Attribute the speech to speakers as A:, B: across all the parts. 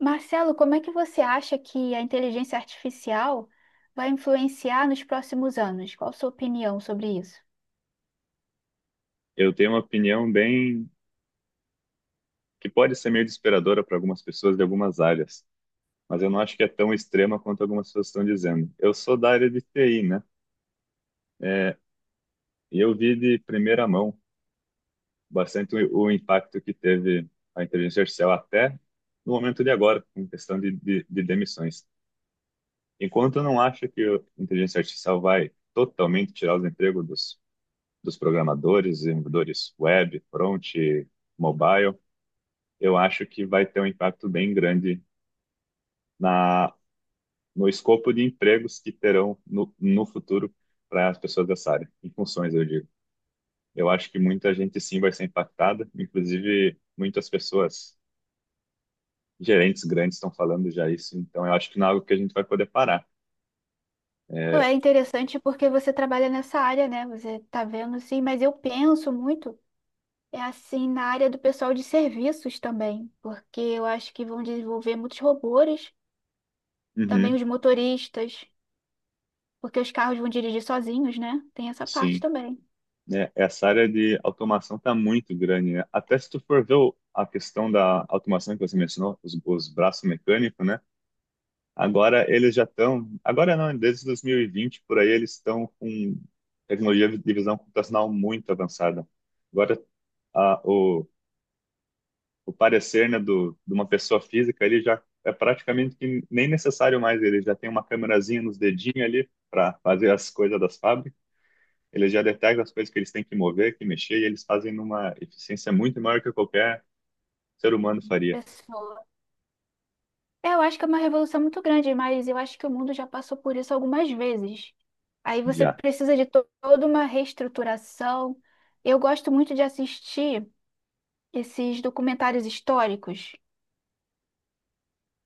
A: Marcelo, como é que você acha que a inteligência artificial vai influenciar nos próximos anos? Qual a sua opinião sobre isso?
B: Eu tenho uma opinião bem que pode ser meio desesperadora para algumas pessoas de algumas áreas, mas eu não acho que é tão extrema quanto algumas pessoas estão dizendo. Eu sou da área de TI, né? É, e eu vi de primeira mão bastante o impacto que teve a inteligência artificial até no momento de agora, em questão de demissões. Enquanto eu não acho que a inteligência artificial vai totalmente tirar os empregos dos programadores, desenvolvedores web, front, mobile, eu acho que vai ter um impacto bem grande na, no escopo de empregos que terão no futuro para as pessoas dessa área, em funções, eu digo. Eu acho que muita gente sim vai ser impactada, inclusive muitas pessoas, gerentes grandes, estão falando já isso, então eu acho que não é algo que a gente vai poder parar.
A: Não,
B: É,
A: é interessante porque você trabalha nessa área, né? Você está vendo, sim, mas eu penso muito, é assim, na área do pessoal de serviços também, porque eu acho que vão desenvolver muitos robôs, também
B: uhum,
A: os motoristas, porque os carros vão dirigir sozinhos, né? Tem essa parte
B: sim.
A: também.
B: Né? Essa área de automação está muito grande, né? Até se tu for ver a questão da automação que você mencionou, os braços mecânicos, né? Agora eles já estão, agora não, desde 2020 por aí eles estão com tecnologia de visão computacional muito avançada. Agora a- o, o parecer, né, de uma pessoa física, ele já é praticamente que nem necessário mais, ele já tem uma câmerazinha nos dedinhos ali para fazer as coisas das fábricas, ele já detecta as coisas que eles têm que mover, que mexer, e eles fazem numa eficiência muito maior que qualquer ser humano faria
A: Pessoal, é, eu acho que é uma revolução muito grande, mas eu acho que o mundo já passou por isso algumas vezes. Aí você
B: já.
A: precisa de toda uma reestruturação. Eu gosto muito de assistir esses documentários históricos.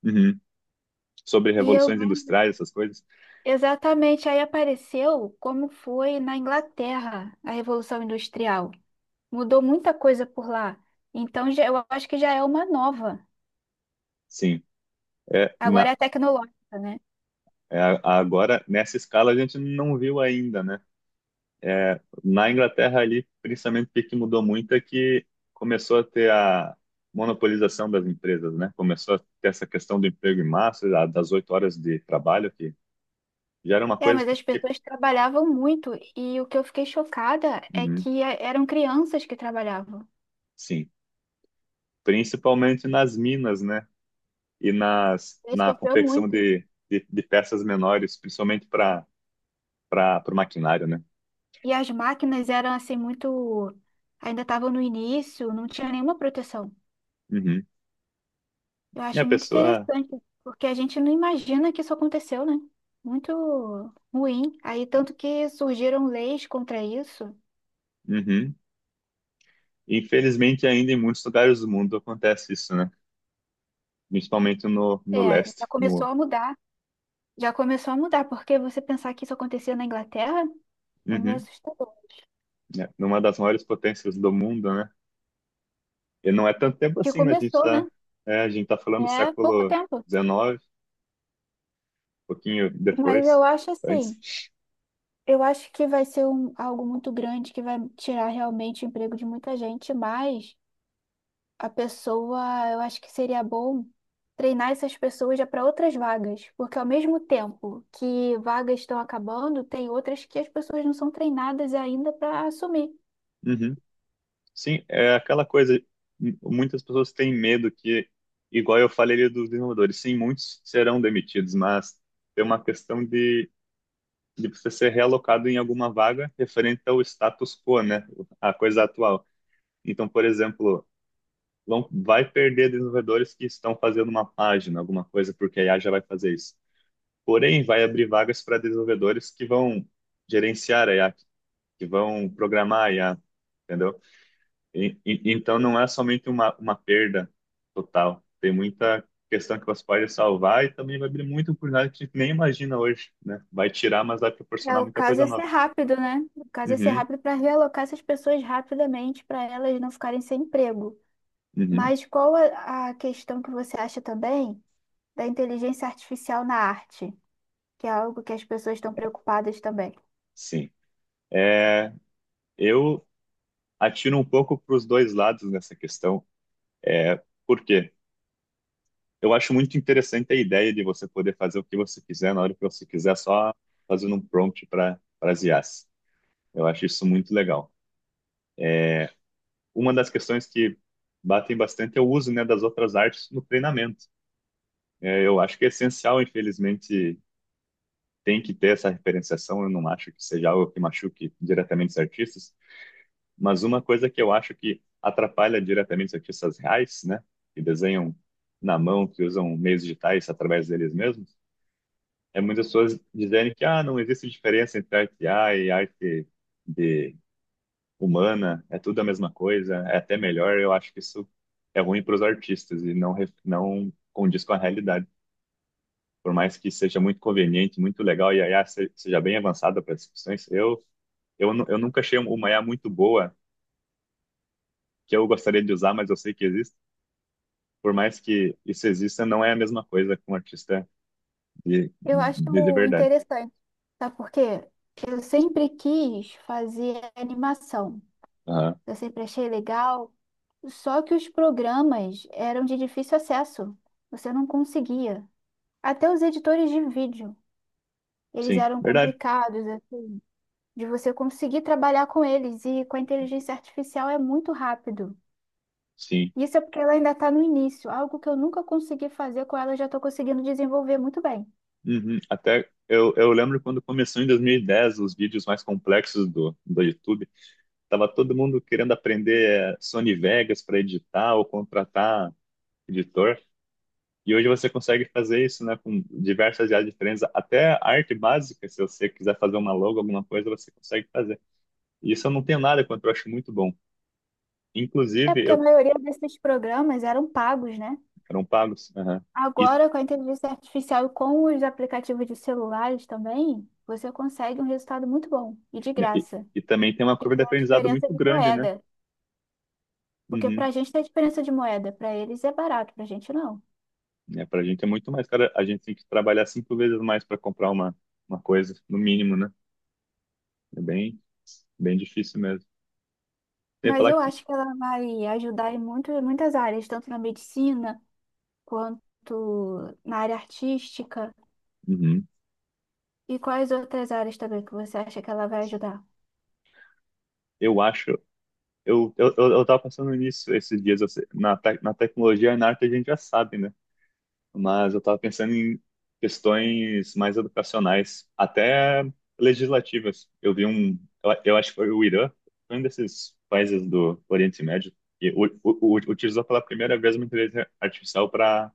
B: Uhum. Sobre
A: E eu,
B: revoluções industriais, essas coisas,
A: exatamente, aí apareceu como foi na Inglaterra a Revolução Industrial. Mudou muita coisa por lá. Então, eu acho que já é uma nova.
B: sim. É,
A: Agora é
B: na,
A: tecnológica, né?
B: Agora, nessa escala, a gente não viu ainda, né? É, na Inglaterra ali, principalmente o que mudou muito é que começou a ter a monopolização das empresas, né? Começou a ter essa questão do emprego em massa, das 8 horas de trabalho, que já era uma
A: É,
B: coisa
A: mas
B: que,
A: as pessoas trabalhavam muito e o que eu fiquei chocada é
B: Uhum.
A: que eram crianças que trabalhavam.
B: Sim, principalmente nas minas, né? E
A: Ele
B: na
A: sofreu
B: confecção
A: muito.
B: de peças menores, principalmente para o maquinário, né?
A: E as máquinas eram assim muito, ainda estavam no início, não tinha nenhuma proteção.
B: Uhum.
A: Eu
B: E a
A: acho muito
B: pessoa.
A: interessante, porque a gente não imagina que isso aconteceu, né? Muito ruim. Aí tanto que surgiram leis contra isso.
B: Uhum. Infelizmente, ainda em muitos lugares do mundo acontece isso, né? Principalmente no
A: É,
B: leste,
A: já começou
B: no,
A: a mudar. Já começou a mudar, porque você pensar que isso acontecia na Inglaterra é meio
B: Uhum,
A: assustador.
B: né? Numa das maiores potências do mundo, né? E não é tanto tempo
A: Que
B: assim, né?
A: começou, né?
B: A gente tá falando do
A: É pouco
B: século
A: tempo.
B: XIX, pouquinho
A: Mas
B: depois,
A: eu acho
B: antes.
A: assim, eu acho que vai ser um, algo muito grande que vai tirar realmente o emprego de muita gente, mas a pessoa, eu acho que seria bom treinar essas pessoas já para outras vagas, porque ao mesmo tempo que vagas estão acabando, tem outras que as pessoas não são treinadas ainda para assumir.
B: Uhum. Sim, é aquela coisa, muitas pessoas têm medo que, igual eu falei ali dos desenvolvedores, sim, muitos serão demitidos, mas tem uma questão de você ser realocado em alguma vaga referente ao status quo, né? A coisa atual. Então, por exemplo, não vai perder desenvolvedores que estão fazendo uma página, alguma coisa, porque a IA já vai fazer isso. Porém, vai abrir vagas para desenvolvedores que vão gerenciar a IA, que vão programar a IA, entendeu? Então, não é somente uma perda total. Tem muita questão que você pode salvar e também vai abrir muita oportunidade que a gente nem imagina hoje, né? Vai tirar, mas vai
A: É,
B: proporcionar
A: o
B: muita
A: caso é
B: coisa
A: ser
B: nova.
A: rápido, né? O caso é ser
B: Uhum.
A: rápido para realocar essas pessoas rapidamente, para elas não ficarem sem emprego.
B: Uhum,
A: Mas qual a questão que você acha também? Da inteligência artificial na arte, que é algo que as pessoas estão preocupadas também.
B: sim. É, eu atiro um pouco para os dois lados nessa questão. Por quê? Eu acho muito interessante a ideia de você poder fazer o que você quiser na hora que você quiser, só fazendo um prompt para as IAs. Eu acho isso muito legal. Uma das questões que batem bastante é o uso, né, das outras artes no treinamento. É, eu acho que é essencial, infelizmente, tem que ter essa referenciação. Eu não acho que seja algo que machuque diretamente os artistas. Mas uma coisa que eu acho que atrapalha diretamente os artistas reais, né, que desenham na mão, que usam meios digitais através deles mesmos, é muitas pessoas dizerem que ah, não existe diferença entre arte A e arte de humana, é tudo a mesma coisa, é até melhor. Eu acho que isso é ruim para os artistas e não condiz com a realidade. Por mais que seja muito conveniente, muito legal e a IA seja bem avançada para as discussões, eu nunca achei uma IA muito boa que eu gostaria de usar, mas eu sei que existe. Por mais que isso exista, não é a mesma coisa com um artista
A: Eu acho
B: de verdade.
A: interessante, sabe por quê? Eu sempre quis fazer animação,
B: Aham.
A: eu sempre achei legal, só que os programas eram de difícil acesso, você não conseguia. Até os editores de vídeo, eles
B: Sim,
A: eram
B: verdade.
A: complicados, assim, de você conseguir trabalhar com eles, e com a inteligência artificial é muito rápido.
B: Sim.
A: Isso é porque ela ainda está no início, algo que eu nunca consegui fazer com ela, eu já estou conseguindo desenvolver muito bem.
B: Uhum. Até eu lembro quando começou em 2010 os vídeos mais complexos do YouTube, tava todo mundo querendo aprender Sony Vegas para editar ou contratar editor. E hoje você consegue fazer isso, né, com diversas áreas diferentes, até arte básica, se você quiser fazer uma logo, alguma coisa, você consegue fazer. E isso eu não tenho nada contra, eu acho muito bom.
A: É
B: Inclusive,
A: porque
B: eu.
A: a maioria desses programas eram pagos, né?
B: Eram pagos. Aham. E,
A: Agora, com a inteligência artificial e com os aplicativos de celulares também, você consegue um resultado muito bom e de
B: né,
A: graça.
B: e também tem uma
A: E
B: curva de
A: tem a
B: aprendizado
A: diferença
B: muito
A: de
B: grande, né?
A: moeda, porque para
B: Uhum.
A: a gente tem a diferença de moeda, para eles é barato, para a gente não.
B: É, para a gente é muito mais cara. A gente tem que trabalhar cinco vezes mais para comprar uma coisa, no mínimo, né? É bem, bem difícil mesmo. Eu ia
A: Mas
B: falar
A: eu
B: que.
A: acho que ela vai ajudar em muito, muitas áreas, tanto na medicina quanto na área artística.
B: Uhum.
A: E quais outras áreas também que você acha que ela vai ajudar?
B: Eu acho. Eu tava pensando nisso esses dias. Eu sei- Na, te- Na tecnologia e na arte a gente já sabe, né? Mas eu estava pensando em questões mais educacionais, até legislativas. Eu vi um, eu acho que foi o Irã, foi um desses países do Oriente Médio, que utilizou pela primeira vez uma inteligência artificial para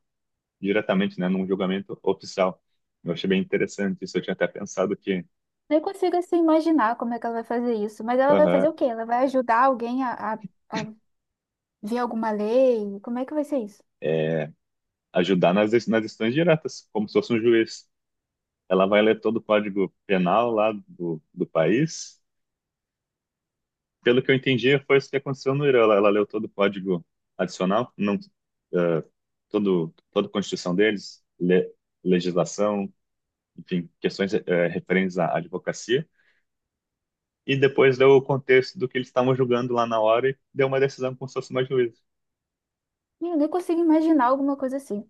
B: diretamente, né, num julgamento oficial. Eu achei bem interessante isso. Eu tinha até pensado que.
A: Nem consigo assim imaginar como é que ela vai fazer isso, mas ela vai
B: Aham.
A: fazer o quê? Ela vai ajudar alguém a ver alguma lei? Como é que vai ser isso?
B: Ajudar nas decisões diretas, como se fosse um juiz. Ela vai ler todo o código penal lá do país pelo que eu entendi, foi isso que aconteceu no Irã. Ela leu todo o código adicional, não, eh, todo, toda a Constituição deles, legislação, enfim, questões referentes à advocacia, e depois deu o contexto do que eles estavam julgando lá na hora e deu uma decisão como se fosse uma juíza.
A: Eu nem consigo imaginar alguma coisa assim.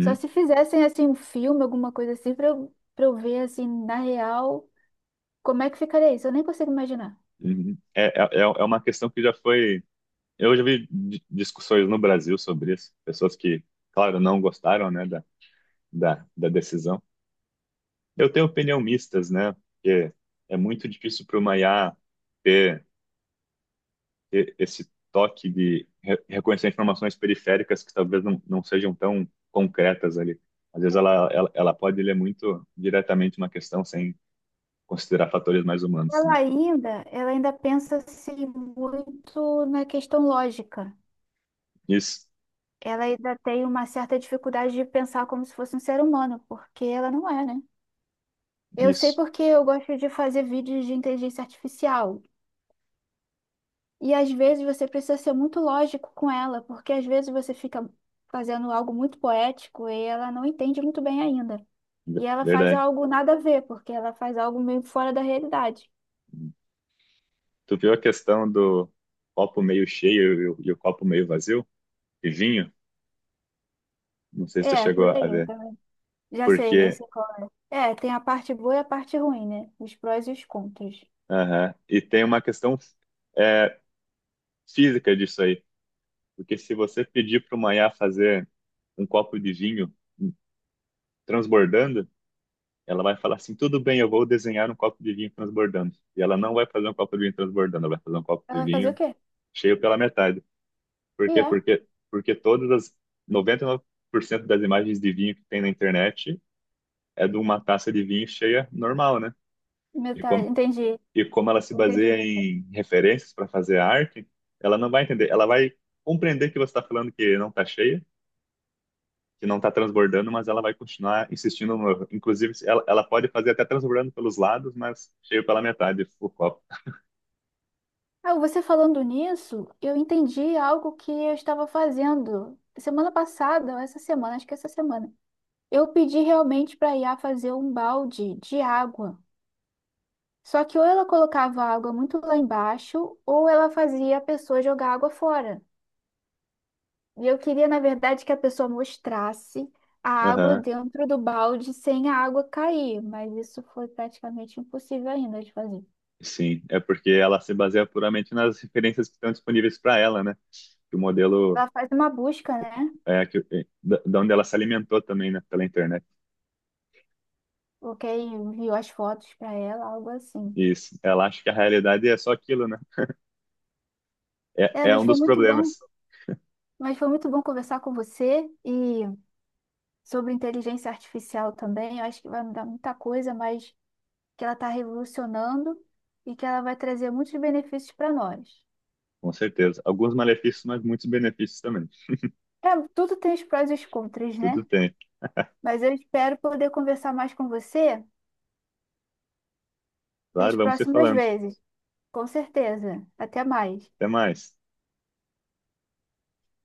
A: Só se fizessem assim um filme, alguma coisa assim, pra eu ver assim na real como é que ficaria isso. Eu nem consigo imaginar.
B: uhum. É uma questão que já foi. Eu já vi discussões no Brasil sobre isso, pessoas que, claro, não gostaram, né, da decisão. Eu tenho opinião mistas, né? Porque é muito difícil para o IA ter, ter esse toque de reconhecer informações periféricas que talvez não sejam tão concretas ali. Às vezes ela pode ler muito diretamente uma questão sem considerar fatores mais humanos, né?
A: Ela ainda pensa assim muito na questão lógica.
B: Isso,
A: Ela ainda tem uma certa dificuldade de pensar como se fosse um ser humano, porque ela não é, né? Eu sei
B: isso,
A: porque eu gosto de fazer vídeos de inteligência artificial. E às vezes você precisa ser muito lógico com ela, porque às vezes você fica fazendo algo muito poético e ela não entende muito bem ainda. E ela faz
B: verdade.
A: algo nada a ver, porque ela faz algo meio fora da realidade.
B: Tu viu a questão do copo meio cheio e o copo meio vazio? E vinho? Não sei se tu
A: É,
B: chegou
A: por
B: a
A: aí.
B: ver.
A: Então, já sei, eu
B: Porque,
A: sei qual. É, é, tem a parte boa e a parte ruim, né? Os prós e os contras.
B: aham. E tem uma questão é, física disso aí. Porque se você pedir para uma Iá fazer um copo de vinho transbordando, ela vai falar assim: tudo bem, eu vou desenhar um copo de vinho transbordando. E ela não vai fazer um copo de vinho transbordando, ela vai fazer um copo
A: Ela
B: de
A: vai fazer o
B: vinho
A: quê?
B: cheio pela metade. Por
A: E
B: quê?
A: é,
B: Porque todas as 99% das imagens de vinho que tem na internet é de uma taça de vinho cheia normal, né? E
A: metade.
B: como,
A: Entendi.
B: e como ela se
A: Entendi.
B: baseia em referências para fazer a arte, ela não vai entender, ela vai compreender que você está falando que não está cheia que não está transbordando, mas ela vai continuar insistindo. No. Inclusive, ela pode fazer até transbordando pelos lados, mas cheio pela metade o copo.
A: Ah, você falando nisso, eu entendi algo que eu estava fazendo semana passada, ou essa semana, acho que é essa semana. Eu pedi realmente para a IA fazer um balde de água. Só que ou ela colocava a água muito lá embaixo, ou ela fazia a pessoa jogar água fora. E eu queria, na verdade, que a pessoa mostrasse a água
B: Aham.
A: dentro do balde sem a água cair, mas isso foi praticamente impossível ainda de fazer.
B: Sim, é porque ela se baseia puramente nas referências que estão disponíveis para ela, né? Que o modelo
A: Ela faz uma busca, né?
B: é que, é, da onde ela se alimentou também, né? Pela internet.
A: Porque enviou as fotos para ela, algo assim.
B: E ela acha que a realidade é só aquilo, né? É,
A: É,
B: é
A: mas
B: um
A: foi
B: dos
A: muito bom,
B: problemas,
A: mas foi muito bom conversar com você e sobre inteligência artificial também. Eu acho que vai mudar muita coisa, mas que ela está revolucionando e que ela vai trazer muitos benefícios para nós.
B: com certeza. Alguns malefícios, mas muitos benefícios também.
A: É, tudo tem os prós e os contras,
B: Tudo
A: né?
B: tem.
A: Mas eu espero poder conversar mais com você das
B: Claro, vamos se
A: próximas
B: falando.
A: vezes. Com certeza. Até mais.
B: Até mais.